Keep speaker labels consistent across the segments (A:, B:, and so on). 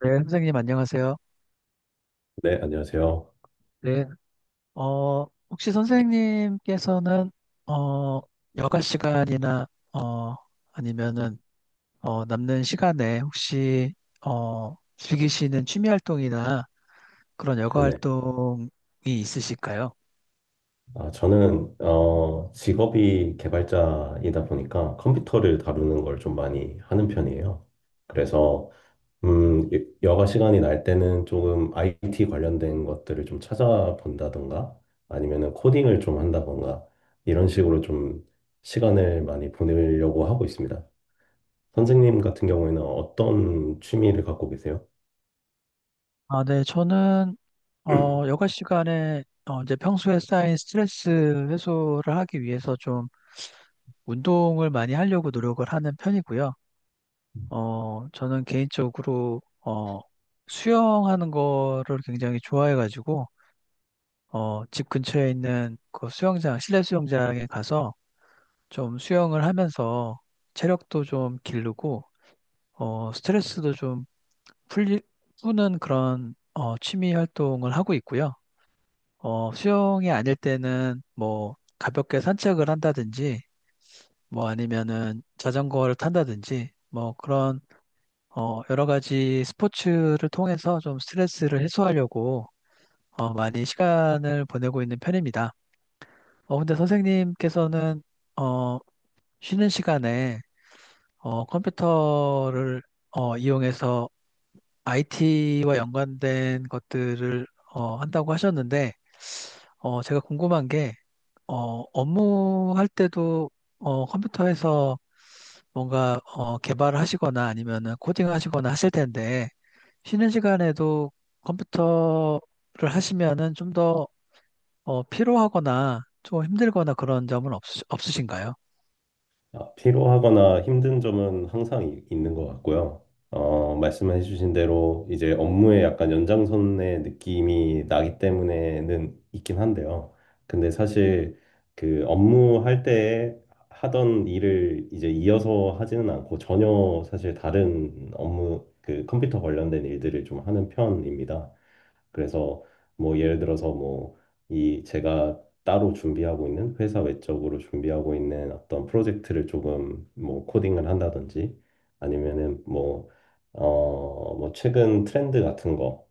A: 네, 선생님 안녕하세요.
B: 네, 안녕하세요.
A: 네. 혹시 선생님께서는 어, 여가 시간이나 어, 아니면은 남는 시간에 혹시 즐기시는 취미 활동이나 그런 여가
B: 네네.
A: 활동이 있으실까요?
B: 아, 저는 직업이 개발자이다 보니까 컴퓨터를 다루는 걸 좀 많이 하는 편이에요. 그래서 여가 시간이 날 때는 조금 IT 관련된 것들을 좀 찾아본다던가 아니면은 코딩을 좀 한다던가 이런 식으로 좀 시간을 많이 보내려고 하고 있습니다. 선생님 같은 경우에는 어떤 취미를 갖고 계세요?
A: 아, 네, 저는 여가 시간에 이제 평소에 쌓인 스트레스 해소를 하기 위해서 좀 운동을 많이 하려고 노력을 하는 편이고요. 저는 개인적으로, 수영하는 거를 굉장히 좋아해가지고, 집 근처에 있는 그 수영장, 실내 수영장에 가서 좀 수영을 하면서 체력도 좀 기르고, 스트레스도 좀 풀리, 푸는 그런, 취미 활동을 하고 있고요. 수영이 아닐 때는 뭐, 가볍게 산책을 한다든지, 뭐 아니면은 자전거를 탄다든지, 뭐 그런 여러 가지 스포츠를 통해서 좀 스트레스를 해소하려고 많이 시간을 보내고 있는 편입니다. 근데 선생님께서는 어, 쉬는 시간에 컴퓨터를 이용해서 IT와 연관된 것들을 한다고 하셨는데 제가 궁금한 게 업무할 때도 컴퓨터에서 뭔가 개발하시거나 아니면은 코딩하시거나 하실 텐데 쉬는 시간에도 컴퓨터를 하시면은 좀더 피로하거나 좀 힘들거나 그런 점은 없으신가요?
B: 아, 피로하거나 힘든 점은 항상 있는 것 같고요. 말씀해 주신 대로 이제 업무에 약간 연장선의 느낌이 나기 때문에는 있긴 한데요. 근데 사실 그 업무할 때 하던 일을 이제 이어서 하지는 않고 전혀 사실 다른 업무, 그 컴퓨터 관련된 일들을 좀 하는 편입니다. 그래서 뭐 예를 들어서 뭐 이 제가 따로 준비하고 있는 회사 외적으로 준비하고 있는 어떤 프로젝트를 조금 뭐 코딩을 한다든지 아니면은 뭐 뭐 최근 트렌드 같은 거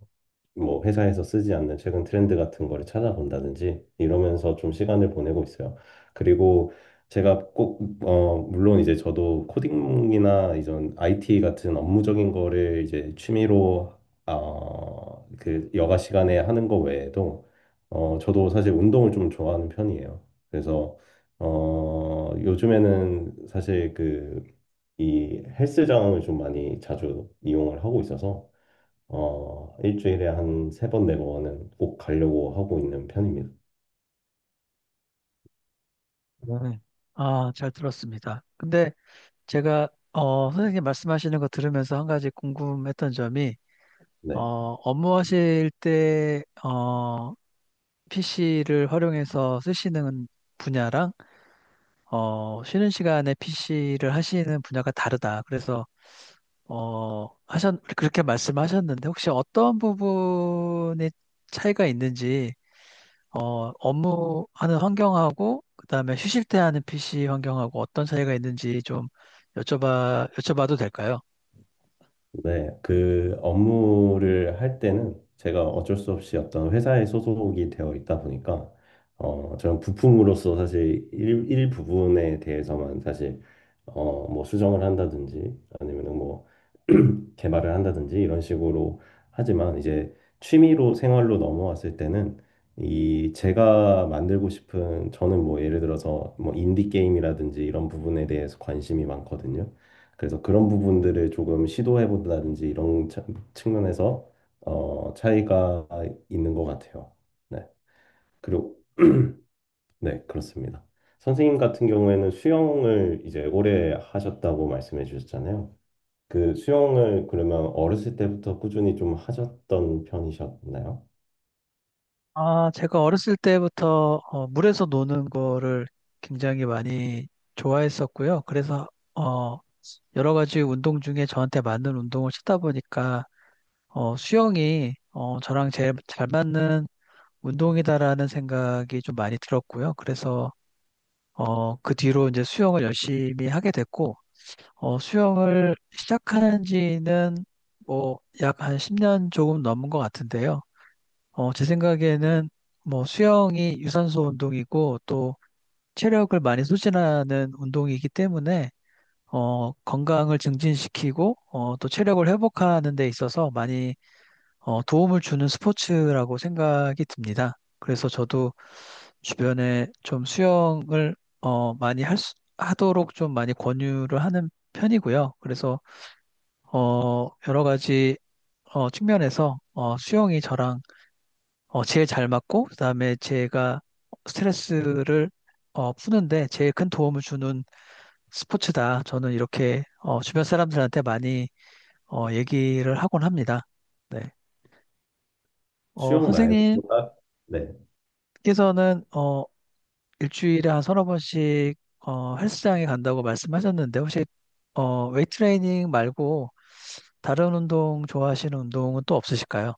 B: 뭐 회사에서 쓰지 않는 최근 트렌드 같은 거를 찾아본다든지 이러면서 좀 시간을 보내고 있어요. 그리고 제가 꼭, 어, 물론 이제 저도 코딩이나 이전 IT 같은 업무적인 거를 이제 취미로, 어, 그 여가 시간에 하는 거 외에도, 어, 저도 사실 운동을 좀 좋아하는 편이에요. 그래서, 어, 요즘에는 사실 그, 이 헬스장을 좀 많이 자주 이용을 하고 있어서 어, 일주일에 한 세 번, 네 번은 꼭 가려고 하고 있는 편입니다.
A: 네. 아, 잘 들었습니다. 근데 제가 선생님 말씀하시는 거 들으면서 한 가지 궁금했던 점이 어,
B: 네.
A: 업무하실 때 PC를 활용해서 쓰시는 분야랑 쉬는 시간에 PC를 하시는 분야가 다르다. 그래서, 그렇게 말씀하셨는데, 혹시 어떤 부분에 차이가 있는지, 업무하는 환경하고, 그다음에 쉬실 때 하는 PC 환경하고 어떤 차이가 있는지 좀 여쭤봐도 될까요?
B: 네. 그 업무를 할 때는 제가 어쩔 수 없이 어떤 회사에 소속이 되어 있다 보니까, 어, 저는 부품으로서 사실 일 부분에 대해서만 사실, 어, 뭐 수정을 한다든지 아니면은 뭐 개발을 한다든지 이런 식으로 하지만 이제 취미로 생활로 넘어왔을 때는 이 제가 만들고 싶은 저는 뭐 예를 들어서 뭐 인디 게임이라든지 이런 부분에 대해서 관심이 많거든요. 그래서 그런 부분들을 조금 시도해 본다든지 측면에서 어, 차이가 있는 것 같아요. 네. 그리고 네, 그렇습니다. 선생님 같은 경우에는 수영을 이제 오래 하셨다고 말씀해 주셨잖아요. 그 수영을 그러면 어렸을 때부터 꾸준히 좀 하셨던 편이셨나요?
A: 아, 제가 어렸을 때부터 물에서 노는 거를 굉장히 많이 좋아했었고요. 그래서, 어, 여러 가지 운동 중에 저한테 맞는 운동을 찾다 보니까 수영이 저랑 제일 잘 맞는 운동이다라는 생각이 좀 많이 들었고요. 그래서 그 뒤로 이제 수영을 열심히 하게 됐고, 수영을 시작한 지는 뭐 약 한 10년 조금 넘은 것 같은데요. 제 생각에는 뭐 수영이 유산소 운동이고 또 체력을 많이 소진하는 운동이기 때문에 건강을 증진시키고 또 체력을 회복하는 데 있어서 많이 도움을 주는 스포츠라고 생각이 듭니다. 그래서 저도 주변에 좀 수영을 많이 하도록 좀 많이 권유를 하는 편이고요. 그래서 여러 가지 측면에서 수영이 저랑 제일 잘 맞고 그다음에 제가 스트레스를 푸는데 제일 큰 도움을 주는 스포츠다. 저는 이렇게 주변 사람들한테 많이 얘기를 하곤 합니다. 네.
B: 수영 말고
A: 선생님
B: 뭔 네.
A: 께서는 일주일에 한 서너 번씩 헬스장에 간다고 말씀하셨는데 혹시 웨이트 트레이닝 말고 다른 운동 좋아하시는 운동은 또 없으실까요?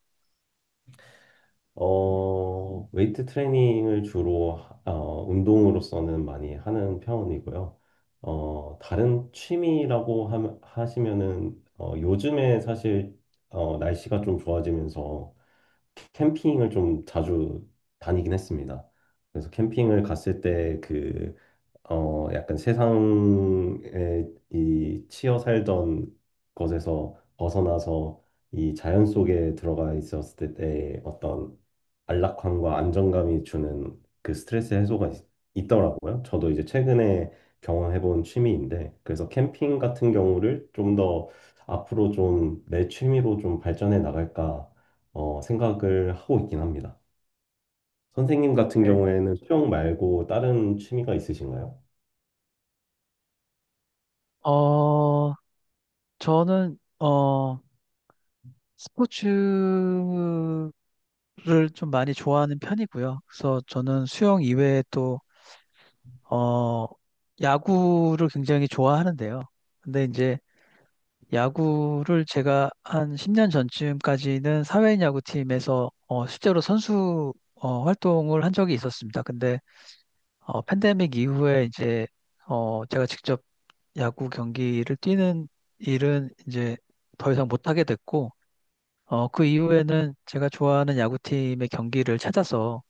B: 어, 웨이트 트레이닝을 주로 어, 운동으로서는 많이 하는 편이고요. 어, 다른 취미라고 하시면은 어, 요즘에 사실 어, 날씨가 좀 좋아지면서 캠핑을 좀 자주 다니긴 했습니다. 그래서 캠핑을 갔을 때그 어, 약간 세상에 이 치여 살던 것에서 벗어나서 이 자연 속에 들어가 있었을 때의 어떤 안락함과 안정감이 주는 그 스트레스 해소가 더라고요. 저도 이제 최근에 경험해본 취미인데, 그래서 캠핑 같은 경우를 좀 더 앞으로 좀 내 취미로 좀 발전해 나갈까 어, 생각을 하고 있긴 합니다. 선생님 같은
A: 네.
B: 경우에는 수영 말고 다른 취미가 있으신가요?
A: 어 저는 스포츠를 좀 많이 좋아하는 편이고요. 그래서 저는 수영 이외에 또 어 야구를 굉장히 좋아하는데요. 근데 이제 야구를 제가 한 10년 전쯤까지는 사회인 야구팀에서 실제로 선수 활동을 한 적이 있었습니다. 근데 팬데믹 이후에 이제 제가 직접 야구 경기를 뛰는 일은 이제 더 이상 못하게 됐고 그 이후에는 제가 좋아하는 야구팀의 경기를 찾아서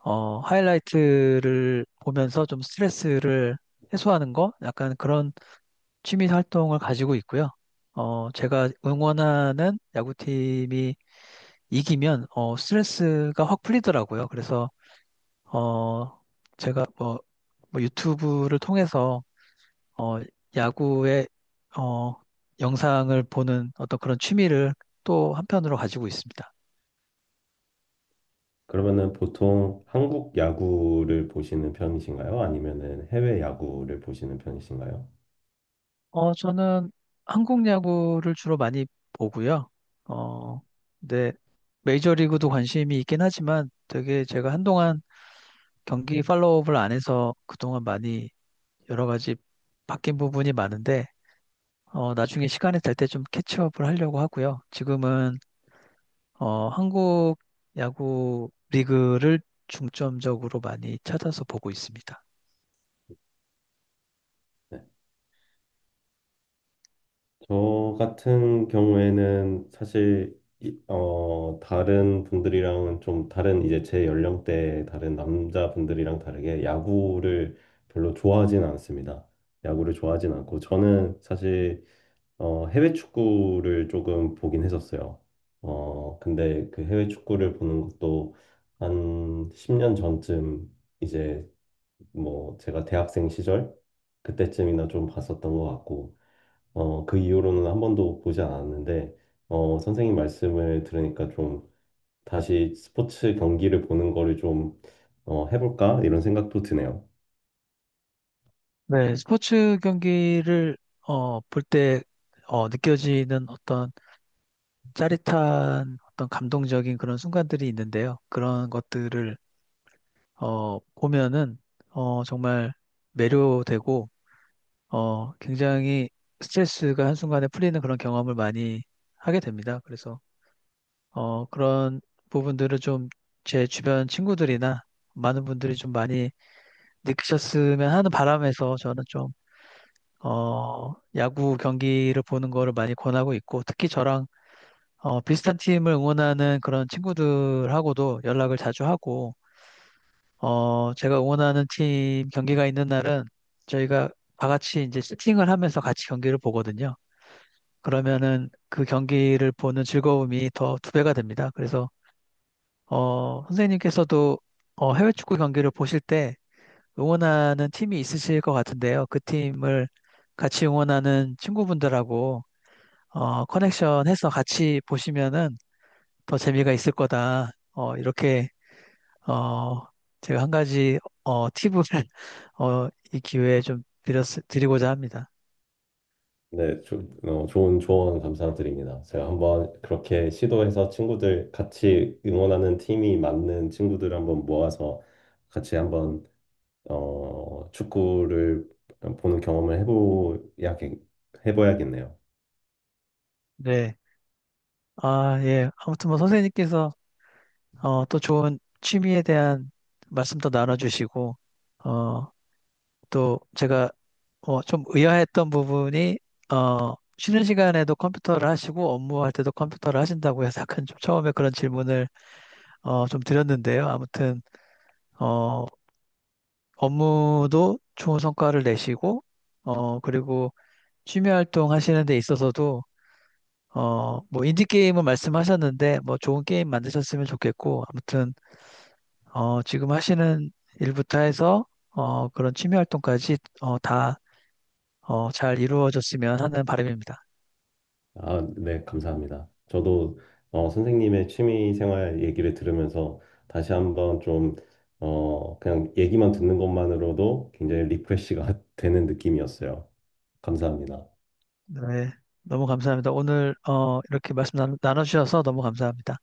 A: 하이라이트를 보면서 좀 스트레스를 해소하는 거 약간 그런 취미 활동을 가지고 있고요. 제가 응원하는 야구팀이 이기면 스트레스가 확 풀리더라고요. 그래서 어, 제가 뭐, 뭐 유튜브를 통해서 어, 야구의 어, 영상을 보는 어떤 그런 취미를 또 한편으로 가지고 있습니다.
B: 그러면은 보통 한국 야구를 보시는 편이신가요? 아니면은 해외 야구를 보시는 편이신가요?
A: 저는 한국 야구를 주로 많이 보고요. 어, 네, 메이저리그도 관심이 있긴 하지만 되게 제가 한동안 경기 팔로우업을 안 해서 그동안 많이 여러 가지 바뀐 부분이 많은데 나중에 시간이 될 때 좀 캐치업을 하려고 하고요. 지금은 한국 야구 리그를 중점적으로 많이 찾아서 보고 있습니다.
B: 네. 저 같은 경우에는 사실 어, 다른 분들이랑은 좀 다른 이제 제 연령대 다른 남자분들이랑 다르게 야구를 별로 좋아하진 않습니다. 야구를 좋아하진 않고 저는 사실 어, 해외 축구를 조금 보긴 했었어요. 어, 근데 그 해외 축구를 보는 것도 한 10년 전쯤 이제 뭐 제가 대학생 시절 그때쯤이나 좀 봤었던 것 같고, 어, 그 이후로는 한 번도 보지 않았는데, 어, 선생님 말씀을 들으니까 좀 다시 스포츠 경기를 보는 거를 좀 어, 해볼까? 이런 생각도 드네요.
A: 네, 스포츠 경기를 볼 때 느껴지는 어떤 짜릿한 어떤 감동적인 그런 순간들이 있는데요. 그런 것들을 보면은 정말 매료되고 굉장히 스트레스가 한순간에 풀리는 그런 경험을 많이 하게 됩니다. 그래서, 그런 부분들을 좀 제 주변 친구들이나 많은 분들이 좀 많이 느끼셨으면 하는 바람에서 저는 좀, 야구 경기를 보는 거를 많이 권하고 있고, 특히 저랑, 비슷한 팀을 응원하는 그런 친구들하고도 연락을 자주 하고, 제가 응원하는 팀 경기가 있는 날은 저희가 다 같이 이제 세팅을 하면서 같이 경기를 보거든요. 그러면은 그 경기를 보는 즐거움이 더 두 배가 됩니다. 그래서 선생님께서도 해외 축구 경기를 보실 때 응원하는 팀이 있으실 것 같은데요. 그 팀을 같이 응원하는 친구분들하고 커넥션 해서 같이 보시면은 더 재미가 있을 거다. 이렇게 어, 제가 한 가지, 팁을, 이 기회에 좀 드리고자 합니다.
B: 네, 어, 좋은 조언 감사드립니다. 제가 한번 그렇게 시도해서 친구들 같이 응원하는 팀이 맞는 친구들 한번 모아서 같이 한번 어, 축구를 보는 경험을 해봐야겠네요.
A: 네. 아, 예. 아무튼 뭐 선생님께서, 또 좋은 취미에 대한 말씀도 나눠주시고, 어, 또 제가 좀 의아했던 부분이 쉬는 시간에도 컴퓨터를 하시고 업무할 때도 컴퓨터를 하신다고 해서 약간 좀 처음에 그런 질문을 좀 드렸는데요. 아무튼 어, 업무도 좋은 성과를 내시고 그리고 취미 활동 하시는 데 있어서도 뭐 인디 게임은 말씀하셨는데 뭐 좋은 게임 만드셨으면 좋겠고 아무튼 지금 하시는 일부터 해서 그런 취미 활동까지 다 잘 이루어졌으면 하는 바람입니다.
B: 아, 네, 감사합니다. 저도 어, 선생님의 취미 생활 얘기를 들으면서 다시 한번 좀 어, 그냥 얘기만 듣는 것만으로도 굉장히 리프레시가 되는 느낌이었어요. 감사합니다.
A: 네, 너무 감사합니다. 오늘 이렇게 말씀 나 나눠주셔서 너무 감사합니다.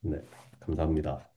B: 네, 감사합니다.